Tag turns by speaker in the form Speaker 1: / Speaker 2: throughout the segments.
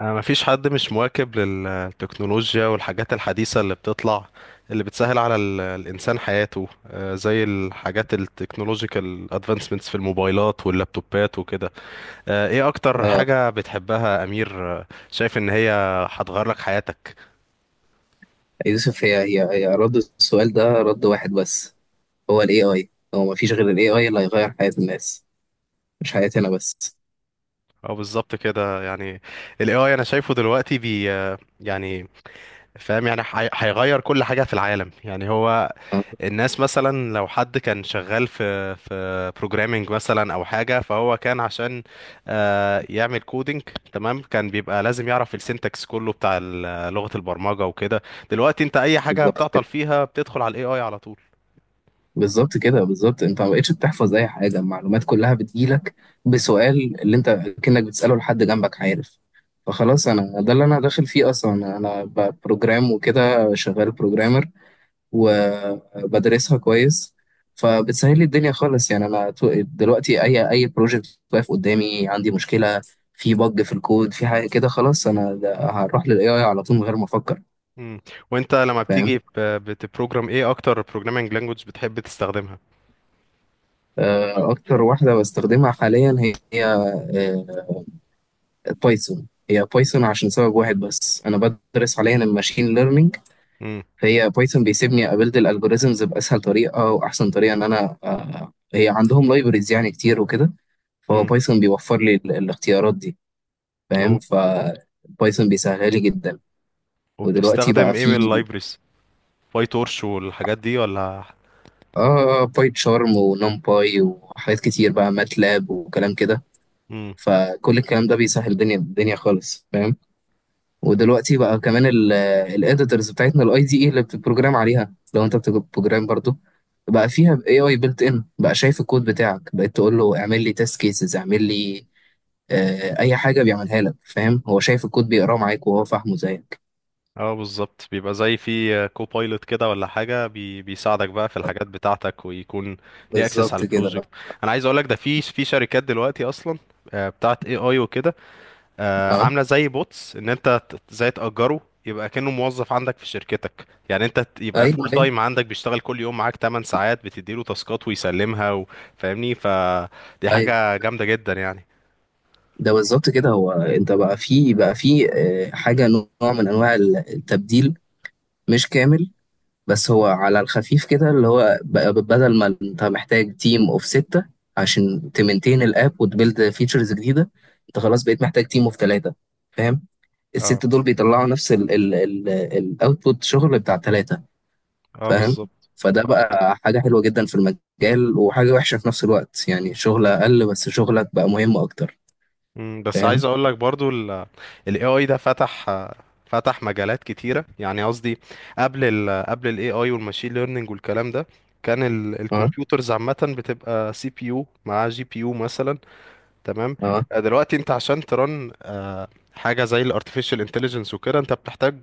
Speaker 1: أنا مفيش حد مش مواكب للتكنولوجيا والحاجات الحديثة اللي بتطلع اللي بتسهل على الإنسان حياته، زي الحاجات التكنولوجيكال ادفانسمنتس في الموبايلات واللابتوبات وكده. ايه أكتر
Speaker 2: اه،
Speaker 1: حاجة بتحبها يا أمير؟ شايف إن هي هتغير لك حياتك.
Speaker 2: يوسف، هي رد السؤال ده رد واحد بس. هو الاي اي، هو مفيش غير الاي اي اللي هيغير حياة الناس، مش حياتنا بس.
Speaker 1: اه، بالظبط كده يعني. ال AI أنا شايفه دلوقتي بي، يعني فاهم، يعني هيغير كل حاجة في العالم يعني. هو
Speaker 2: آه،
Speaker 1: الناس مثلا لو حد كان شغال في بروجرامينج مثلا او حاجه، فهو كان عشان يعمل كودينج. تمام، كان بيبقى لازم يعرف السنتكس كله بتاع لغه البرمجه وكده. دلوقتي انت اي حاجه
Speaker 2: بالظبط
Speaker 1: بتعطل
Speaker 2: كده،
Speaker 1: فيها بتدخل على الاي اي على طول.
Speaker 2: بالظبط كده، بالظبط انت ما بقتش بتحفظ اي حاجة، المعلومات كلها بتجيلك بسؤال اللي انت كأنك بتسأله لحد جنبك، عارف؟ فخلاص، انا ده اللي انا داخل فيه اصلا، بروجرام وكده، شغال بروجرامر وبدرسها كويس. فبتسهل لي الدنيا خالص يعني انا دلوقتي اي اي بروجكت واقف قدامي، عندي مشكله في بج في الكود في حاجه كده، خلاص انا هروح للاي اي على طول من غير ما افكر.
Speaker 1: مم. وانت لما
Speaker 2: فاهم؟
Speaker 1: بتبروجرام ايه، اكتر بروجرامينج لانجوج بتحب تستخدمها؟
Speaker 2: اكتر واحده بستخدمها حاليا هي بايثون. هي بايثون عشان سبب واحد بس، انا بدرس حاليا الماشين ليرنينج.
Speaker 1: مم.
Speaker 2: هي بايثون بيسيبني ابيلد الالجوريزمز باسهل طريقه واحسن طريقه، ان انا آه، هي عندهم لايبرز يعني كتير وكده. فهو
Speaker 1: مم.
Speaker 2: بايثون بيوفر لي الاختيارات دي. فاهم؟
Speaker 1: وب-
Speaker 2: بايثون بيسهلها لي جدا. ودلوقتي
Speaker 1: وبتستخدم
Speaker 2: بقى
Speaker 1: ايه من
Speaker 2: في،
Speaker 1: اللايبرز، باي تورش والحاجات دي ولا؟
Speaker 2: اه، باي تشارم ونمباي وحاجات كتير بقى، ماتلاب وكلام كده. فكل الكلام ده بيسهل الدنيا الدنيا خالص. فاهم؟ ودلوقتي بقى كمان الاديتورز بتاعتنا، الاي دي اي اللي بتبروجرام عليها، لو انت بتبروجرام برضو، بقى فيها اي اي بيلت ان بقى. شايف الكود بتاعك، بقيت تقول له اعمل لي تيست كيسز، اعمل لي، اي حاجه، بيعملها لك. فاهم؟ هو شايف الكود، بيقراه معاك وهو فاهمه زيك.
Speaker 1: اه بالظبط، بيبقى زي في كوبايلوت كده ولا حاجه بي، بيساعدك بقى في الحاجات بتاعتك ويكون ليه اكسس على
Speaker 2: بالظبط كده
Speaker 1: البروجكت.
Speaker 2: بقى.
Speaker 1: انا عايز اقول لك ده، في في شركات دلوقتي اصلا بتاعت اي اي وكده،
Speaker 2: اه.
Speaker 1: عامله زي بوتس، ان زي تاجره، يبقى كأنه موظف عندك في شركتك. يعني يبقى
Speaker 2: ايوه،
Speaker 1: فول
Speaker 2: ايوه،
Speaker 1: تايم عندك بيشتغل كل يوم معاك 8 ساعات، بتديله تاسكات ويسلمها فاهمني؟ فدي
Speaker 2: ايوه،
Speaker 1: حاجه جامده جدا يعني.
Speaker 2: ده بالظبط كده. هو انت بقى في، حاجه نوع من انواع التبديل، مش كامل. بس هو على الخفيف كده، اللي هو بدل ما انت محتاج تيم اوف ستة عشان تمنتين الاب وتبيلد فيتشرز جديدة، انت خلاص بقيت محتاج تيم اوف ثلاثة. فاهم؟
Speaker 1: اه،
Speaker 2: الست دول بيطلعوا نفس الاوتبوت، شغل بتاع ثلاثة.
Speaker 1: اه
Speaker 2: فاهم؟
Speaker 1: بالظبط.
Speaker 2: فده بقى حاجة حلوة جدا في المجال، وحاجة وحشة في نفس الوقت، يعني شغل أقل بس شغلك بقى مهم أكتر.
Speaker 1: مم، بس عايز
Speaker 2: فاهم؟
Speaker 1: اقول لك برضو ال، ال AI ده فتح، فتح مجالات كتيرة يعني. قصدي قبل ال، قبل ال AI والماشين ليرنينج والكلام ده، كان
Speaker 2: اه.
Speaker 1: الكمبيوترز عامة بتبقى سي بي يو مع جي بي يو مثلا. تمام.
Speaker 2: اه.
Speaker 1: دلوقتي انت عشان ترن حاجة زي ال artificial intelligence وكده، انت بتحتاج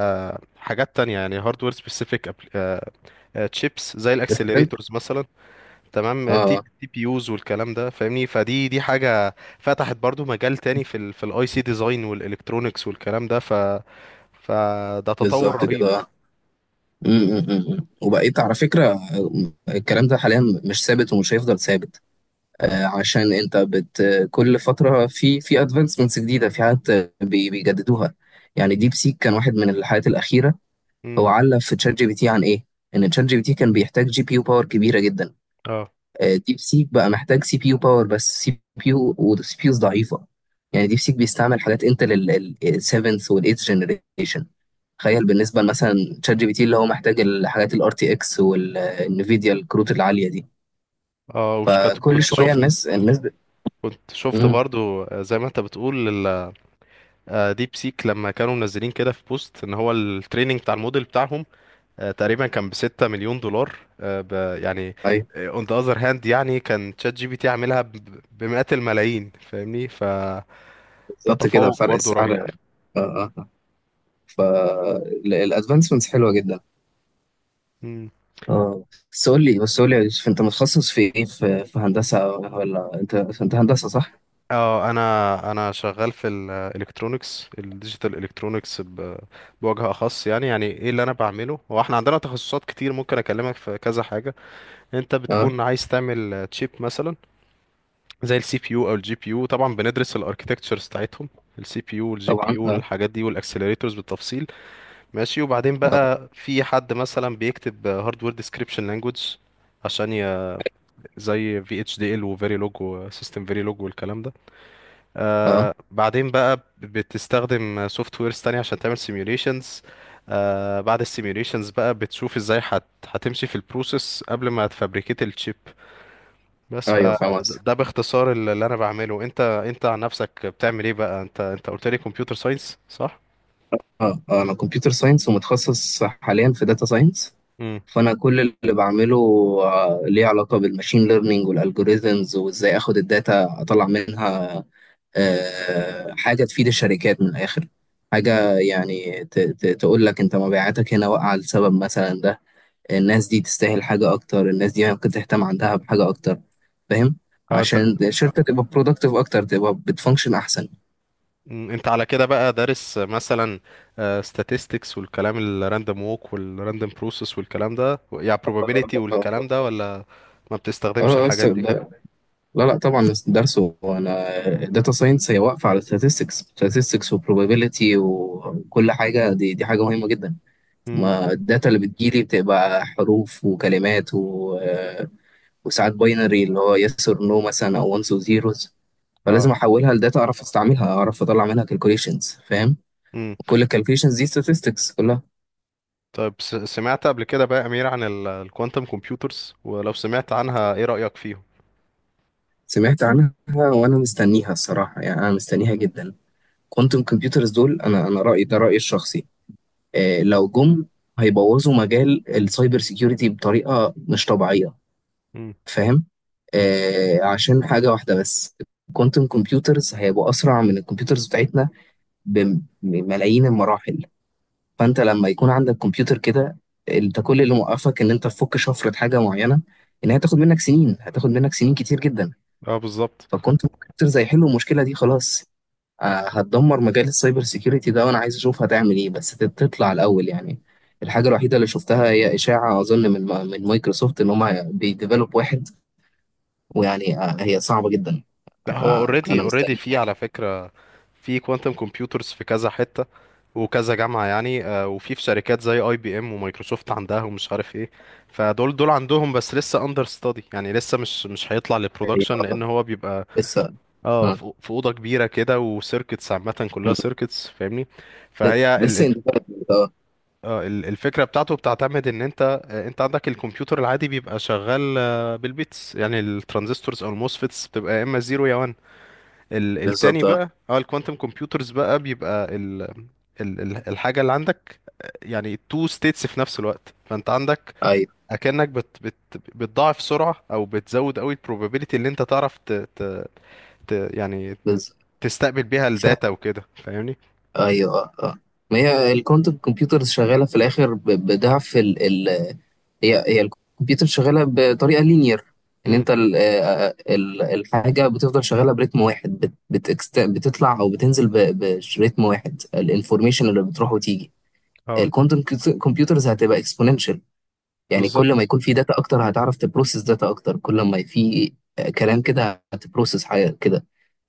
Speaker 1: حاجات تانية، يعني hardware specific، chips زي
Speaker 2: بس انت
Speaker 1: الاكسلريتورز مثلا. تمام، تي
Speaker 2: اه،
Speaker 1: تي بي يوز والكلام ده فاهمني؟ فدي حاجه فتحت برضو مجال تاني في ال، في الاي سي ديزاين والالكترونكس والكلام ده. ف، فده تطور
Speaker 2: بالظبط
Speaker 1: رهيب.
Speaker 2: كده. م- م- م. وبقيت على فكرة الكلام ده حاليا مش ثابت، ومش هيفضل ثابت. عشان انت كل فترة في ادفانسمنتس جديدة، في حاجات بيجددوها. يعني ديب سيك كان واحد من الحاجات الأخيرة،
Speaker 1: امم.
Speaker 2: هو علق في تشات جي بي تي عن ايه؟ ان تشات جي بي تي كان بيحتاج جي بي يو باور كبيرة جدا.
Speaker 1: اه.
Speaker 2: ديب سيك بقى محتاج سي بي يو باور بس، سي بي يو والسي بي يوز ضعيفة. يعني ديب سيك بيستعمل حاجات انتل ال 7th وال 8th generation. تخيل بالنسبه مثلا، تشات جي بي تي اللي هو محتاج الحاجات الار تي اكس والانفيديا، الكروت العاليه دي.
Speaker 1: اه،
Speaker 2: فكل
Speaker 1: كنت
Speaker 2: شويه
Speaker 1: شفت،
Speaker 2: الناس.
Speaker 1: كنت شفت
Speaker 2: مم.
Speaker 1: برضو زي ما انت بتقول ديب سيك لما كانوا منزلين كده في بوست، ان هو التريننج بتاع الموديل بتاعهم تقريبا كان ب 6 مليون دولار، يعني
Speaker 2: ايوه،
Speaker 1: اون ذا اذر هاند، يعني كان تشات جي بي تي عاملها بمئات الملايين، فاهمني؟ فده
Speaker 2: بالظبط كده،
Speaker 1: تفوق
Speaker 2: فرق
Speaker 1: برضو
Speaker 2: السعر.
Speaker 1: رهيب.
Speaker 2: اه. اه. فالادفانسمنتس حلوه جدا.
Speaker 1: مم.
Speaker 2: اه. بس قول لي، يا يوسف، انت متخصص في ايه، في, هندسه ولا انت، هندسه صح؟
Speaker 1: اه، انا شغال في الالكترونكس الديجيتال، الكترونكس بوجه اخص يعني. يعني ايه اللي انا بعمله؟ هو احنا عندنا تخصصات كتير ممكن اكلمك في كذا حاجه. انت
Speaker 2: اه.
Speaker 1: بتكون عايز تعمل تشيب مثلا زي السي بي يو او الجي بي يو، طبعا بندرس الاركتكتشرز بتاعتهم، السي بي يو والجي بي
Speaker 2: طبعا.
Speaker 1: يو
Speaker 2: اه.
Speaker 1: الحاجات دي والاكسلريتورز بالتفصيل. ماشي. وبعدين
Speaker 2: اه,
Speaker 1: بقى في حد مثلا بيكتب هاردوير ديسكريبشن لانجويج عشان زي في اتش دي ال وفيريلوج وسيستم فيريلوج والكلام ده.
Speaker 2: آه.
Speaker 1: آه بعدين بقى بتستخدم سوفت ويرز تانية عشان تعمل سيميوليشنز. آه بعد السيميوليشنز بقى بتشوف ازاي هتمشي في البروسيس قبل ما تفبريكيت الشيب بس
Speaker 2: ايوه، فاهم.
Speaker 1: فده باختصار اللي انا بعمله. انت عن نفسك بتعمل ايه بقى؟ انت قلت لي كمبيوتر ساينس، صح؟
Speaker 2: اه. انا كمبيوتر ساينس ومتخصص حاليا في داتا ساينس.
Speaker 1: امم.
Speaker 2: فانا كل اللي بعمله ليه علاقه بالماشين ليرنينج والالجوريزمز، وازاي اخد الداتا اطلع منها حاجه تفيد الشركات من الاخر. حاجه يعني تقول لك انت مبيعاتك هنا واقعه لسبب مثلا ده، الناس دي تستاهل حاجه اكتر، الناس دي ممكن تهتم عندها بحاجه اكتر. فاهم؟
Speaker 1: اه. انت،
Speaker 2: عشان الشركه تبقى برودكتيف اكتر، تبقى بتفانكشن احسن.
Speaker 1: مم، انت على كده بقى دارس مثلا statistics والكلام، الراندوم ووك والراندوم بروسيس والكلام ده، يعني
Speaker 2: اه.
Speaker 1: probability
Speaker 2: اه.
Speaker 1: والكلام ده، ولا ما بتستخدمش
Speaker 2: آه، آه،
Speaker 1: الحاجات
Speaker 2: لا لا طبعا، بس درسه. انا الداتا ساينس هي واقفه على statistics وبروبابيلتي وكل حاجه، دي حاجه مهمه جدا.
Speaker 1: دي؟
Speaker 2: ما الداتا اللي بتجيلي بتبقى حروف وكلمات و... آه، وساعات باينري اللي هو yes or no مثلا، او ones و zeros.
Speaker 1: اه.
Speaker 2: فلازم احولها لداتا، اعرف استعملها، اعرف اطلع منها calculations. فاهم؟
Speaker 1: امم.
Speaker 2: كل ال calculations دي statistics كلها.
Speaker 1: طيب، سمعت قبل كده بقى يا امير عن الكوانتم كمبيوترز؟ ولو سمعت عنها ايه رأيك فيهم؟
Speaker 2: سمعت عنها وانا مستنيها الصراحه، يعني انا مستنيها جدا. كوانتم كمبيوترز دول انا رايي ده رايي الشخصي. لو جم هيبوظوا مجال السايبر سيكيورتي بطريقة مش طبيعية.
Speaker 1: امم.
Speaker 2: فاهم؟ عشان حاجة واحدة بس، الكوانتم كمبيوترز هيبقوا أسرع من الكمبيوترز بتاعتنا بملايين المراحل. فأنت لما يكون عندك كمبيوتر كده، أنت كل اللي موقفك إن أنت تفك شفرة حاجة معينة، إن هي هتاخد منك سنين، هتاخد منك سنين كتير جدا.
Speaker 1: اه بالظبط.
Speaker 2: فالكوانتم كمبيوترز هيحلوا المشكلة دي خلاص. هتدمر مجال السايبر سيكيورتي ده، وانا عايز اشوف هتعمل ايه، بس تطلع الاول يعني. الحاجه الوحيده اللي شفتها، هي اشاعه اظن من مايكروسوفت ان هم بيديفلوب واحد. ويعني، هي صعبه جدا.
Speaker 1: لا، هو اوريدي،
Speaker 2: انا
Speaker 1: اوريدي
Speaker 2: مستني.
Speaker 1: في على فكرة، في كوانتم كمبيوترز في كذا حتة وكذا جامعة يعني، وفي شركات زي اي بي ام ومايكروسوفت عندها ومش عارف ايه. فدول عندهم، بس لسه اندر ستادي، يعني لسه مش، مش هيطلع
Speaker 2: هي
Speaker 1: للبرودكشن، لان هو بيبقى
Speaker 2: لسه.
Speaker 1: اه،
Speaker 2: آه،
Speaker 1: في في اوضه كبيره كده وسيركتس، عامه كلها
Speaker 2: م-
Speaker 1: سيركتس فاهمني؟ فهي،
Speaker 2: لسه in development. اه.
Speaker 1: اه، الفكرة بتاعته بتعتمد ان انت، انت عندك الكمبيوتر العادي بيبقى شغال بالبيتس، يعني الترانزستورز او الموسفيتس بتبقى يا اما زيرو يا 1. التاني
Speaker 2: بالظبط. اه.
Speaker 1: بقى، اه الكوانتم كمبيوترز بقى بيبقى ال، الحاجة اللي عندك، يعني تو ستيتس في نفس الوقت. فانت عندك،
Speaker 2: ايوه
Speaker 1: اكنك بت بت بتضاعف سرعة، او بتزود قوي البروبابيلتي اللي انت تعرف ت ت ت يعني
Speaker 2: بالظبط.
Speaker 1: تستقبل بيها
Speaker 2: ف-
Speaker 1: الداتا وكده، فاهمني؟
Speaker 2: ايوه. اه. ما هي الكوانتم كمبيوترز شغاله في الاخر بضعف. هي الكمبيوتر شغاله بطريقه لينير، ان
Speaker 1: امم.
Speaker 2: انت الحاجه بتفضل شغاله برتم واحد. بتكست بتطلع او بتنزل برتم واحد، الانفورميشن اللي بتروح وتيجي.
Speaker 1: اه
Speaker 2: الكوانتم كمبيوترز هتبقى اكسبوننشال. يعني كل ما
Speaker 1: بالظبط.
Speaker 2: يكون في داتا اكتر، هتعرف تبروسس داتا اكتر. كل ما في كلام كده، هتبروسس حاجه كده.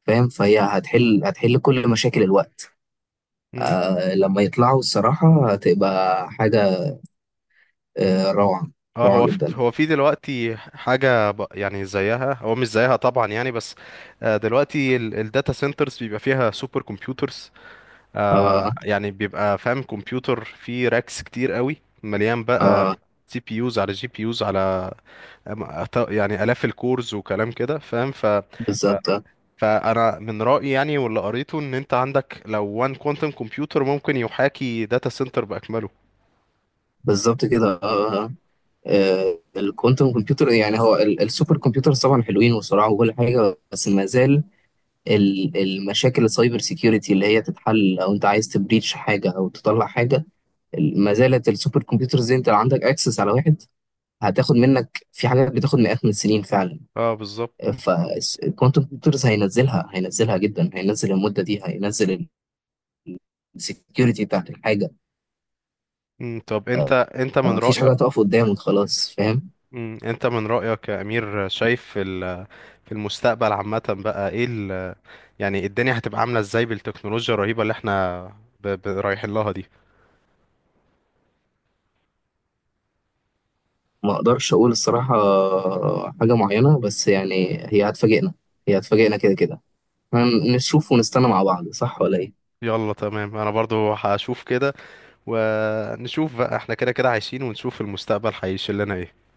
Speaker 2: فاهم؟ فهي هتحل هتحل كل مشاكل الوقت. لما يطلعوا، الصراحه هتبقى حاجه روعه.
Speaker 1: اه،
Speaker 2: روعه
Speaker 1: هو في،
Speaker 2: جدا.
Speaker 1: هو في دلوقتي حاجة يعني زيها، هو مش زيها طبعا يعني بس، دلوقتي الداتا سنترز بيبقى فيها سوبر كمبيوترز،
Speaker 2: اه.
Speaker 1: يعني بيبقى فاهم كمبيوتر فيه راكس كتير قوي، مليان بقى
Speaker 2: اه
Speaker 1: سي بي يوز على جي بي يوز على يعني آلاف الكورز وكلام كده فاهم؟ ف... ف
Speaker 2: بالظبط.
Speaker 1: فأنا من رأيي يعني، واللي قريته، إن أنت عندك لو وان كوانتم كمبيوتر ممكن يحاكي داتا سنتر بأكمله.
Speaker 2: بالظبط كده. الكوانتم كمبيوتر يعني، هو السوبر كمبيوترز طبعا حلوين وسرعه وكل حاجه، بس ما زال المشاكل السايبر سيكيورتي اللي هي تتحل، او انت عايز تبريتش حاجه او تطلع حاجه، ما زالت السوبر كمبيوترز دي، انت لو عندك اكسس على واحد، هتاخد منك في حاجات بتاخد مئات من السنين فعلا.
Speaker 1: اه بالظبط.
Speaker 2: فالكوانتم كمبيوترز هينزلها، هينزلها جدا، هينزل المده دي، هينزل السكيورتي بتاعت الحاجه.
Speaker 1: مم، طب انت من
Speaker 2: مفيش حاجه
Speaker 1: رأيك،
Speaker 2: هتقف قدامك خلاص. فاهم؟
Speaker 1: مم، انت من رأيك يا امير شايف في في المستقبل عامة بقى ايه ال...، يعني الدنيا هتبقى عاملة ازاي بالتكنولوجيا الرهيبة اللي احنا رايحين لها دي؟
Speaker 2: ما اقدرش اقول الصراحة حاجة معينة، بس يعني هي هتفاجئنا. هي هتفاجئنا كده كده. هنشوف ونستنى مع بعض، صح ولا ايه؟
Speaker 1: يلا تمام، انا برضو هشوف كده، ونشوف بقى، احنا كده كده عايشين ونشوف المستقبل هيشيل لنا ايه.